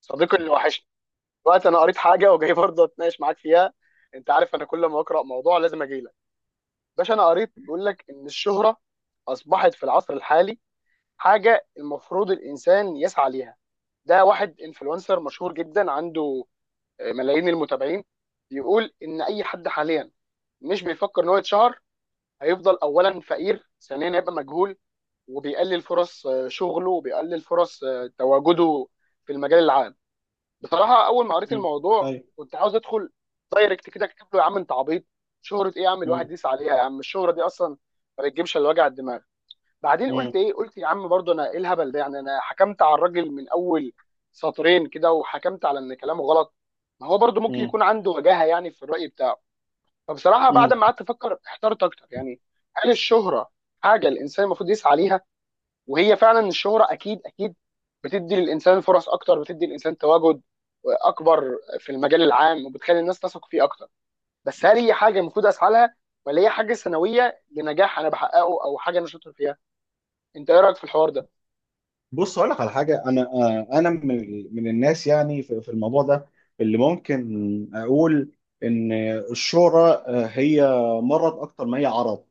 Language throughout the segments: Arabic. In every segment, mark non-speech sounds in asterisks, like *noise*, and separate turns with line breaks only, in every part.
صديقي اللي وحشني. دلوقتي انا قريت حاجه وجاي برضه اتناقش معاك فيها. انت عارف انا كل ما اقرا موضوع لازم اجي لك، باشا. انا قريت بيقول لك ان الشهره اصبحت في العصر الحالي حاجه المفروض الانسان يسعى ليها. ده واحد انفلونسر مشهور جدا عنده ملايين المتابعين. بيقول ان اي حد حاليا مش بيفكر ان هو يتشهر هيفضل اولا فقير، ثانيا هيبقى مجهول، وبيقلل فرص شغله، وبيقلل فرص تواجده في المجال العام. بصراحه اول ما قريت
مم.
الموضوع
ايوه.
كنت عاوز ادخل دايركت كده اكتب له: يا عم انت عبيط، شهره ايه يا عم الواحد
مم.
يسعى عليها؟ يا عم الشهره دي اصلا ما بتجيبش الا وجع الدماغ. بعدين
مم.
قلت ايه؟ قلت يا عم برضه، انا ايه الهبل ده؟ يعني انا حكمت على الراجل من اول سطرين كده وحكمت على ان كلامه غلط. ما هو برضه ممكن
مم.
يكون عنده وجاهه يعني في الراي بتاعه. فبصراحه بعد
مم.
ما قعدت افكر احترت اكتر يعني. هل الشهره حاجه الانسان المفروض يسعى ليها؟ وهي فعلا الشهرة اكيد اكيد بتدي للانسان فرص اكتر، بتدي للانسان تواجد اكبر في المجال العام وبتخلي الناس تثق فيه اكتر. بس هل هي حاجه المفروض اسعى لها، ولا هي حاجه ثانويه لنجاح انا بحققه او حاجه انا شاطر فيها؟ انت ايه رايك في الحوار ده؟
بص اقول لك على حاجه. انا آه، انا من الناس، يعني في الموضوع ده اللي ممكن اقول ان الشهره هي مرض اكتر ما هي عرض.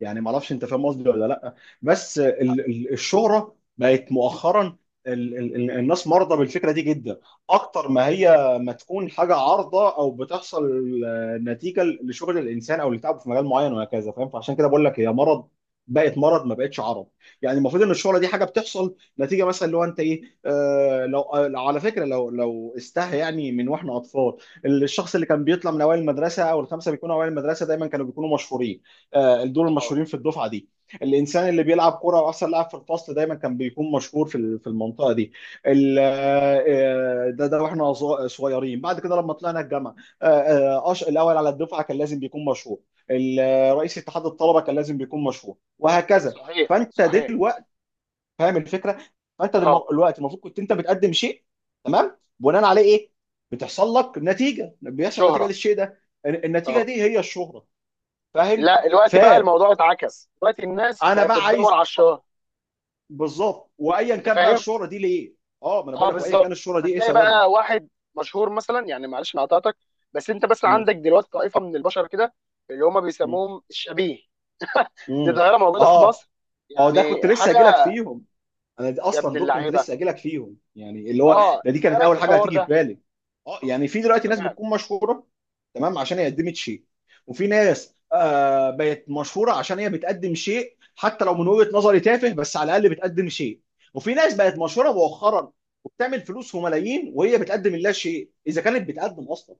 يعني ما اعرفش انت فاهم قصدي ولا لا، بس
لا.
الشهره بقت مؤخرا الناس مرضى بالفكره دي جدا، اكتر ما هي ما تكون حاجه عارضه او بتحصل نتيجه لشغل الانسان او لتعبه في مجال معين وهكذا، فاهم؟ فعشان كده بقول لك هي مرض، بقت مرض ما بقتش عرض. يعني المفروض ان الشهره دي حاجه بتحصل نتيجه، مثلا اللي هو انت ايه، لو على فكره، لو استهى، يعني من واحنا اطفال الشخص اللي كان بيطلع من اوائل المدرسه، او الخمسه بيكونوا اوائل المدرسه، دايما كانوا بيكونوا مشهورين. آه، دول
اه.
المشهورين في الدفعه دي. الانسان اللي بيلعب كوره، واحسن لاعب في الفصل، دايما كان بيكون مشهور في في المنطقه دي. ده واحنا صغيرين. بعد كده لما طلعنا الجامعه، الاول على الدفعه كان لازم بيكون مشهور. رئيس اتحاد الطلبه كان لازم بيكون مشهور، وهكذا.
صحيح
فانت
صحيح.
دلوقتي فاهم الفكره. فانت
اه.
دلوقتي المفروض كنت انت بتقدم شيء، تمام، بناء عليه ايه؟ بتحصل لك نتيجه، بيحصل نتيجه
شهره.
للشيء ده. النتيجه
اه.
دي هي الشهره، فاهم؟
لا، دلوقتي بقى
فانا
الموضوع اتعكس، دلوقتي الناس بقت
بقى
بتدور
عايز
على الشهره.
بالظبط، وايا
انت
كان بقى
فاهم.
الشهره دي ليه. اه، ما انا
اه
بقول لك وايا كان
بالظبط.
الشهره دي ايه
هتلاقي
سببها.
بقى واحد مشهور مثلا، يعني معلش انا قطعتك، بس انت بس
مم.
عندك دلوقتي طائفه من البشر كده اللي هم
مم.
بيسموهم الشبيه. *laughs* دي
مم.
ظاهره موجوده في
اه،
مصر.
ما هو ده
يعني
كنت لسه
حاجه.
هجيلك فيهم، انا دي
يا ابن
اصلا دول كنت
اللعيبه.
لسه هجيلك فيهم. يعني اللي هو
اه،
ده دي
انت ايه
كانت
رايك في
اول حاجه
الحوار
هتيجي في
ده؟
بالي. اه، يعني في دلوقتي ناس
تمام.
بتكون مشهوره، تمام، عشان هي قدمت شيء. وفي ناس بقت مشهوره عشان هي بتقدم شيء، حتى لو من وجهه نظري تافه، بس على الاقل بتقدم شيء. وفي ناس بقت مشهوره مؤخرا وبتعمل فلوس وملايين وهي بتقدم لا شيء، اذا كانت بتقدم اصلا،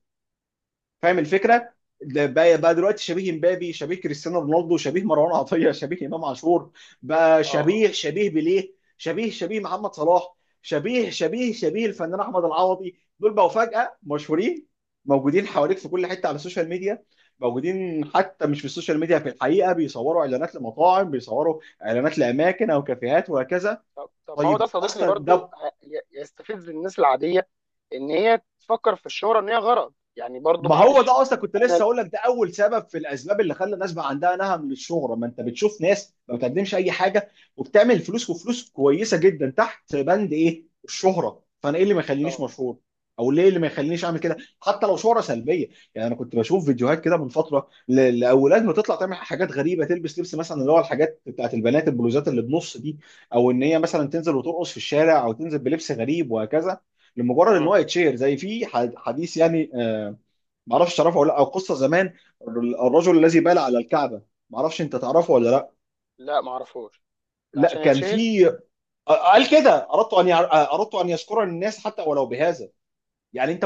فاهم
مم.
الفكره؟ ده بقى دلوقتي شبيه مبابي، شبيه كريستيانو رونالدو، شبيه مروان عطيه، شبيه امام عاشور، بقى
اه. اه.
شبيه بيليه، شبيه محمد صلاح، شبيه الفنان احمد العوضي. دول بقوا فجاه مشهورين، موجودين حواليك في كل حته على السوشيال ميديا، موجودين حتى مش في السوشيال ميديا، في الحقيقه بيصوروا اعلانات لمطاعم، بيصوروا اعلانات لاماكن او كافيهات وهكذا.
طب طب، ما هو ده
طيب
صديقي
اصلا
برضو
ده،
يستفز الناس العاديه ان هي تفكر في الشهره، ان هي غرض يعني. برضو
ما هو
معلش.
ده اصلا كنت لسه
انا.
اقول لك، ده اول سبب في الاسباب اللي خلى الناس بقى عندها نهم للشهره. ما انت بتشوف ناس ما بتقدمش اي حاجه وبتعمل فلوس، وفلوس كويسه جدا، تحت بند ايه؟ الشهره. فانا ايه اللي ما يخلينيش
اه.
مشهور، او ليه اللي ما يخلينيش اعمل كده حتى لو شهره سلبيه؟ يعني انا كنت بشوف فيديوهات كده من فتره لاولاد بتطلع تعمل حاجات غريبه، تلبس لبس مثلا اللي هو الحاجات بتاعت البنات، البلوزات اللي بنص دي، او ان هي مثلا تنزل وترقص في الشارع، او تنزل بلبس غريب، وهكذا، لمجرد ان
مم.
هو يتشير. زي في حديث يعني ما اعرفش تعرفه ولا لا، او قصه زمان، الرجل الذي بال على الكعبه. ما اعرفش انت تعرفه ولا لا؟
لا معرفوش. ده
لا،
عشان
كان
يتشهر.
في، قال كده، اردت ان اردت ان يذكر الناس حتى ولو بهذا. يعني انت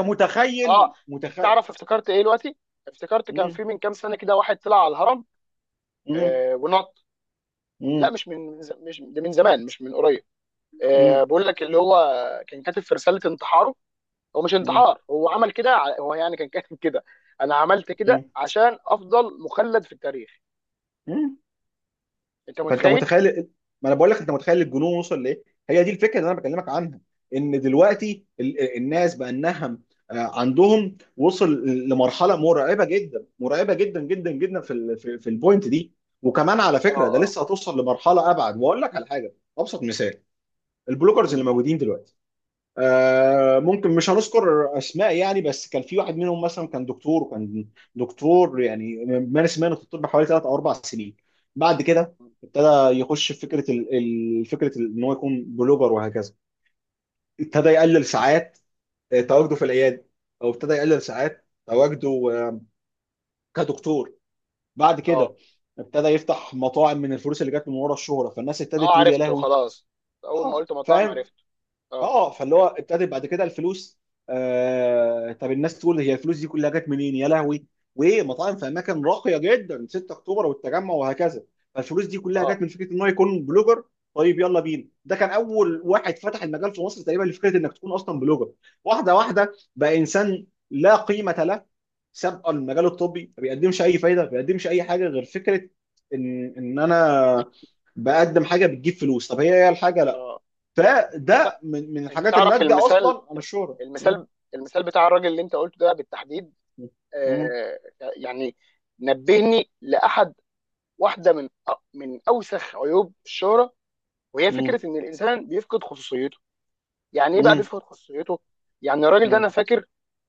اه،
متخيل،
انت
متخيل؟
تعرف افتكرت ايه دلوقتي؟ افتكرت كان
مم.
في من كام سنه كده واحد طلع على الهرم
مم.
ونط. لا،
مم.
مش من مش ده من زمان، مش من قريب.
مم.
بقول لك اللي هو كان كاتب في رساله انتحاره. هو مش انتحار، هو عمل كده، هو يعني كان كاتب كده: انا عملت كده
مم.
عشان افضل مخلد في التاريخ.
مم.
انت
فانت
متخيل؟
متخيل، ما انا بقول لك، انت متخيل الجنون وصل لايه؟ هي دي الفكره اللي انا بكلمك عنها، ان دلوقتي الناس بقى النهم عندهم وصل لمرحله مرعبه جدا، مرعبه جدا جدا جدا، في في البوينت دي. وكمان على
اه.
فكره ده
اه.
لسه هتوصل لمرحله ابعد. واقول لك على حاجه، ابسط مثال البلوجرز اللي
مم،
موجودين دلوقتي. ممكن مش هنذكر اسماء يعني، بس كان في واحد منهم مثلا كان دكتور، وكان دكتور يعني مارس مهنه الطب حوالي ثلاث او اربع سنين. بعد كده
مم.
ابتدى يخش في فكره فكره ان هو يكون بلوجر وهكذا. ابتدى يقلل ساعات تواجده في العياده، او ابتدى يقلل ساعات تواجده كدكتور. بعد
اه.
كده ابتدى يفتح مطاعم من الفلوس اللي جت من ورا الشهره. فالناس ابتدت
اه
تقول يا
عرفته
لهوي.
خلاص، اول ما
اه
قلت مطاعم
فاهم.
عرفته. اه.
اه، فاللي هو ابتدت بعد كده الفلوس. طب الناس تقول هي الفلوس دي كلها جت منين يا لهوي، وايه؟ مطاعم في اماكن راقيه جدا، 6 اكتوبر والتجمع وهكذا. فالفلوس دي كلها
اه.
جت من فكره ان هو يكون بلوجر. طيب يلا بينا، ده كان اول واحد فتح المجال في مصر تقريبا لفكره انك تكون اصلا بلوجر. واحده واحده بقى، انسان لا قيمه له سابقا، المجال الطبي ما بيقدمش اي فايده، ما بيقدمش اي حاجه غير فكره ان انا بقدم حاجه بتجيب فلوس، طب هي الحاجه؟ لا.
اه. لا.
فده من
انت
الحاجات
تعرف
الناتجه
المثال،
اصلا عن الشهره. م-
المثال، المثال بتاع الراجل اللي انت قلته ده بالتحديد،
م-
آه، يعني نبهني لاحد. واحده من من اوسخ عيوب الشهره، وهي
م-
فكره ان الانسان بيفقد خصوصيته. يعني ايه بقى
م-
بيفقد خصوصيته؟ يعني الراجل ده انا
م-
فاكر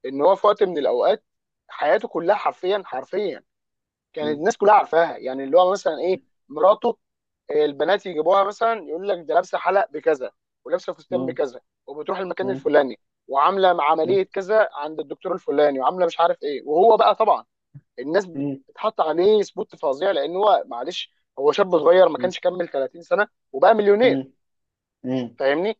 ان هو في وقت من الاوقات حياته كلها حرفيا حرفيا كانت
م-
الناس كلها عارفاها. يعني اللي هو مثلا
م-
ايه؟ مراته، البنات يجيبوها مثلا، يقول لك ده لابسه حلق بكذا ولابسه فستان
م-
بكذا وبتروح المكان
م-
الفلاني وعامله
م-
عمليه كذا عند الدكتور الفلاني وعامله مش عارف ايه. وهو بقى طبعا الناس
م- م-
بتحط عليه سبوت فظيع، لان هو معلش هو شاب صغير ما كانش كمل 30 سنه وبقى
م-
مليونير.
م-
فاهمني.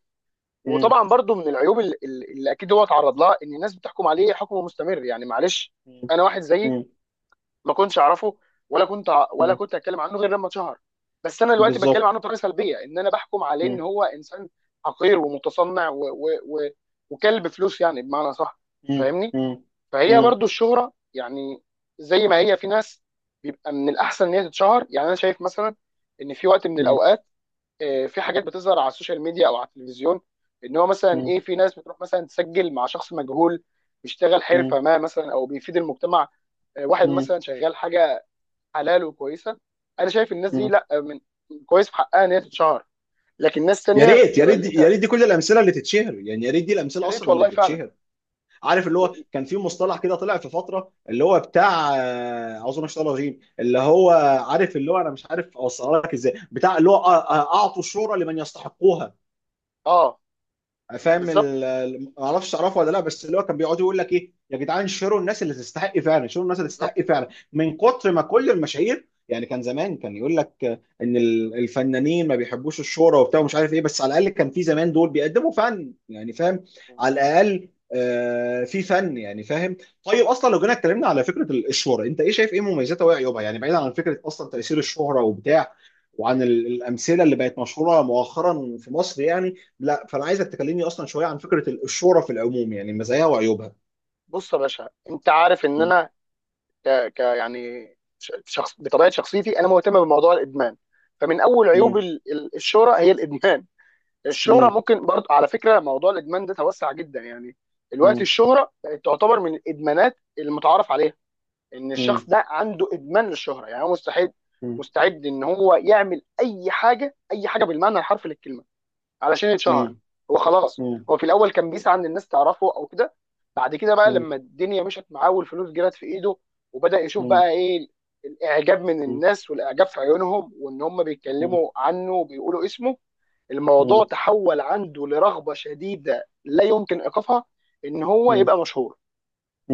م-
وطبعا برضو من العيوب اللي اكيد هو اتعرض لها ان الناس بتحكم عليه حكم مستمر. يعني معلش انا واحد زيي
مم.
ما كنتش اعرفه، ولا كنت ع- ولا
مم.
كنت اتكلم عنه غير لما اتشهر. بس انا دلوقتي بتكلم
بالظبط.
عنه بطريقه سلبيه، ان انا بحكم عليه ان
مم.
هو انسان حقير ومتصنع و وكلب فلوس يعني، بمعنى صح.
مم.
فاهمني.
مم.
فهي
مم.
برضو الشهرة يعني، زي ما هي في ناس بيبقى من الأحسن إن هي تتشهر. يعني أنا شايف مثلا إن في وقت من
مم.
الأوقات في حاجات بتظهر على السوشيال ميديا أو على التلفزيون، إن هو مثلا إيه، في ناس بتروح مثلا تسجل مع شخص مجهول بيشتغل حرفة
مم.
ما مثلا أو بيفيد المجتمع. واحد
مم.
مثلا شغال حاجة حلال وكويسة. أنا شايف الناس دي
مم.
لا، من كويس في حقها إن هي تتشهر. لكن ناس
يا
تانية
ريت،
شبه اللي أنت.
يا ريت دي كل الامثله اللي تتشهر، يعني يا ريت دي
يا
الامثله
ريت
اصلا اللي
والله فعلا
تتشهر. عارف اللي هو
يا-
كان في مصطلح كده طلع في فتره اللي هو بتاع اعوذ بالله من الشيطان الرجيم، اللي هو، عارف اللي هو، انا مش عارف اوصلها لك ازاي، بتاع اللي هو اعطوا الشهره لمن يستحقوها.
آه.
فاهم
بالظبط.
ما اعرفش تعرفه ولا لا، بس اللي هو كان بيقعد يقول لك ايه، يا جدعان شيروا الناس اللي تستحق فعلا، شيروا الناس اللي تستحق
بالظبط.
فعلا. من كتر ما كل المشاهير، يعني كان زمان كان يقول لك ان الفنانين ما بيحبوش الشهرة وبتاع ومش عارف ايه، بس على الاقل كان في زمان دول بيقدموا فن، يعني فاهم، على الاقل في فن، يعني فاهم. طيب اصلا لو جينا اتكلمنا على فكره الشهره، انت ايه شايف، ايه مميزاتها وايه عيوبها؟ يعني بعيدا عن فكره اصلا تاثير الشهره وبتاع، وعن الامثله اللي بقت مشهوره مؤخرا في مصر، يعني لا، فانا عايزك تكلمني اصلا شويه عن فكره الشورى في العموم، يعني مزاياها وعيوبها.
بص يا باشا، انت عارف ان
مم.
انا ك... ك يعني شخص بطبيعه شخصيتي انا مهتم بموضوع الادمان. فمن اول عيوب
مم.
الشهره هي الادمان. الشهره
مم.
ممكن برضه، على فكره، موضوع الادمان ده توسع جدا يعني. دلوقتي
مم.
الشهره بقت تعتبر من الادمانات المتعارف عليها، ان
مم.
الشخص ده عنده ادمان للشهره. يعني هو مستعد،
مم.
مستعد ان هو يعمل اي حاجه، اي حاجه بالمعنى الحرفي للكلمه، علشان يتشهر.
مم.
هو خلاص.
مم.
هو في الاول كان بيسعى ان الناس تعرفه او كده. بعد كده بقى
مم.
لما الدنيا مشت معاه والفلوس جرت في ايده وبدأ يشوف
مم.
بقى ايه الاعجاب من
مم.
الناس والاعجاب في عيونهم وان هم
مم.
بيتكلموا عنه وبيقولوا اسمه، الموضوع تحول عنده لرغبة شديدة لا يمكن ايقافها ان هو يبقى مشهور،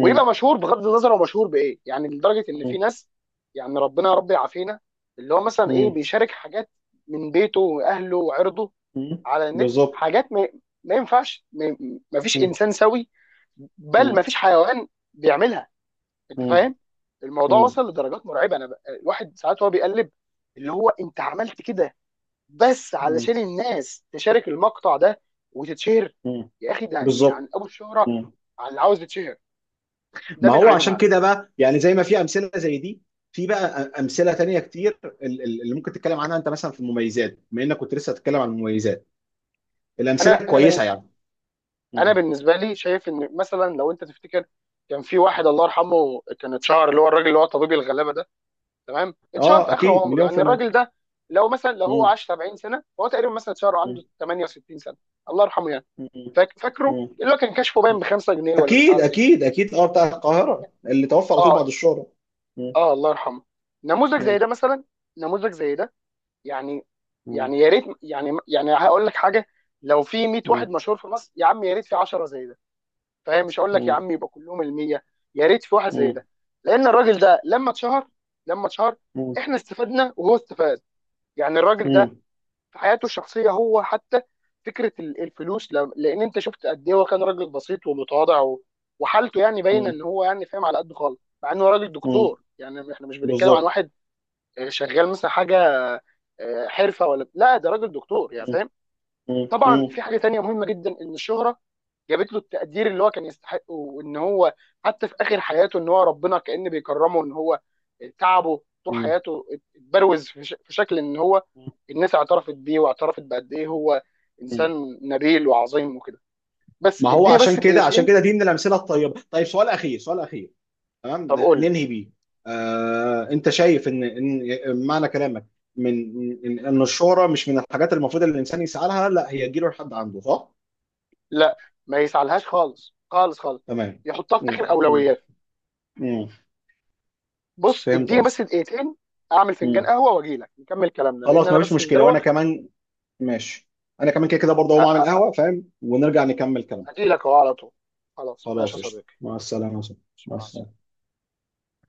ويبقى مشهور بغض النظر هو مشهور بايه يعني. لدرجة ان في
مم.
ناس، يعني ربنا يا رب يعافينا، اللي هو مثلا ايه،
مم.
بيشارك حاجات من بيته واهله وعرضه
مم.
على النت.
بالظبط.
حاجات ما ينفعش، ما فيش
مم.
انسان سوي، بل ما
مم.
فيش حيوان بيعملها. انت
مم.
فاهم. الموضوع
مم.
وصل لدرجات مرعبه. الواحد ساعات هو بيقلب، اللي هو انت عملت كده بس
مم.
علشان الناس تشارك المقطع ده وتتشهر.
مم.
يا اخي ده يعني
بالظبط.
ابو الشهره
مم.
على اللي عاوز يتشهر. ده
ما
من
هو عشان
عيوبها.
كده بقى، يعني زي ما في امثله زي دي، في بقى امثله تانية كتير اللي ممكن تتكلم عنها انت، مثلا في المميزات، بما انك كنت لسه هتتكلم عن المميزات،
انا
الامثله
انا بن...
الكويسه يعني.
انا بالنسبه لي شايف ان مثلا، لو انت تفتكر، كان في واحد الله يرحمه كان اتشهر، اللي هو الراجل اللي هو طبيب الغلابه ده. تمام، اتشهر
اه
في اخر
اكيد،
عمره
مليون في
يعني
المية.
الراجل ده. لو مثلا لو هو
مم.
عاش 70 سنه فهو تقريبا مثلا اتشهر
مم.
عنده 68 سنه، الله يرحمه يعني.
مم.
فاكره
مم.
اللي هو كان كشفه باين ب 5 جنيه ولا مش
اكيد
عارف ايه.
اكيد اكيد، اه، بتاع القاهرة اللي توفى على طول
اه.
بعد الشهرة. مم.
اه الله يرحمه. نموذج زي
مم.
ده مثلا. نموذج زي ده يعني.
مم.
يعني يا ريت، يعني هقول لك حاجه، لو في 100
مم.
واحد مشهور في مصر يا عم، يا ريت في 10 زي ده. فاهم، مش هقول لك يا
مم.
عم يبقى كلهم ال 100، يا ريت في واحد زي ده. لان الراجل ده لما اتشهر، لما اتشهر
مم. مم.
احنا استفدنا وهو استفاد. يعني الراجل
مم.
في حياته الشخصيه هو حتى فكره الفلوس، لان انت شفت قد ايه هو كان راجل بسيط ومتواضع وحالته يعني باينه
مم.
ان هو يعني فاهم، على قد خالص، مع انه راجل
مم.
دكتور. يعني احنا مش بنتكلم عن
بالظبط.
واحد شغال مثلا حاجه حرفه ولا لا، ده راجل دكتور يعني
مم.
فاهم.
مم.
طبعا
مم.
في حاجه تانيه مهمه جدا، ان الشهره جابت له التقدير اللي هو كان يستحقه، وان هو حتى في اخر حياته ان هو ربنا كأن بيكرمه، ان هو تعبه طول
مم.
حياته اتبروز في شكل ان هو الناس اعترفت بيه واعترفت بقد ايه هو
مم.
انسان نبيل وعظيم وكده. بس
ما هو
اديني
عشان
بس
كده، عشان كده
دقيقتين.
دي من الامثله الطيبه. طيب سؤال اخير، سؤال اخير، تمام،
طب قول لي.
ننهي بيه. انت شايف ان ان معنى كلامك، من ان، إن الشهرة مش من الحاجات المفروض اللي الانسان يسعى لها، لا هي تجيله لحد عنده، صح؟
لا. ما يسعلهاش خالص خالص خالص،
تمام.
يحطها في اخر
مم، مم،
اولويات.
مم.
بص
فهمت
اديني
قصدي.
بس دقيقتين، اعمل فنجان
مم.
قهوه واجي لك نكمل كلامنا، لان
خلاص،
انا
مفيش
بس
مشكلة، وانا
مدروخ.
كمان ماشي، انا كمان كده كده برضه هقوم اعمل قهوة، فاهم، ونرجع نكمل كلام.
هجي لك اهو على طول. خلاص ماشي
خلاص،
يا
قشطة،
صديقي.
مع السلامة يا صاحبي. مع
مع السلامه.
السلامة.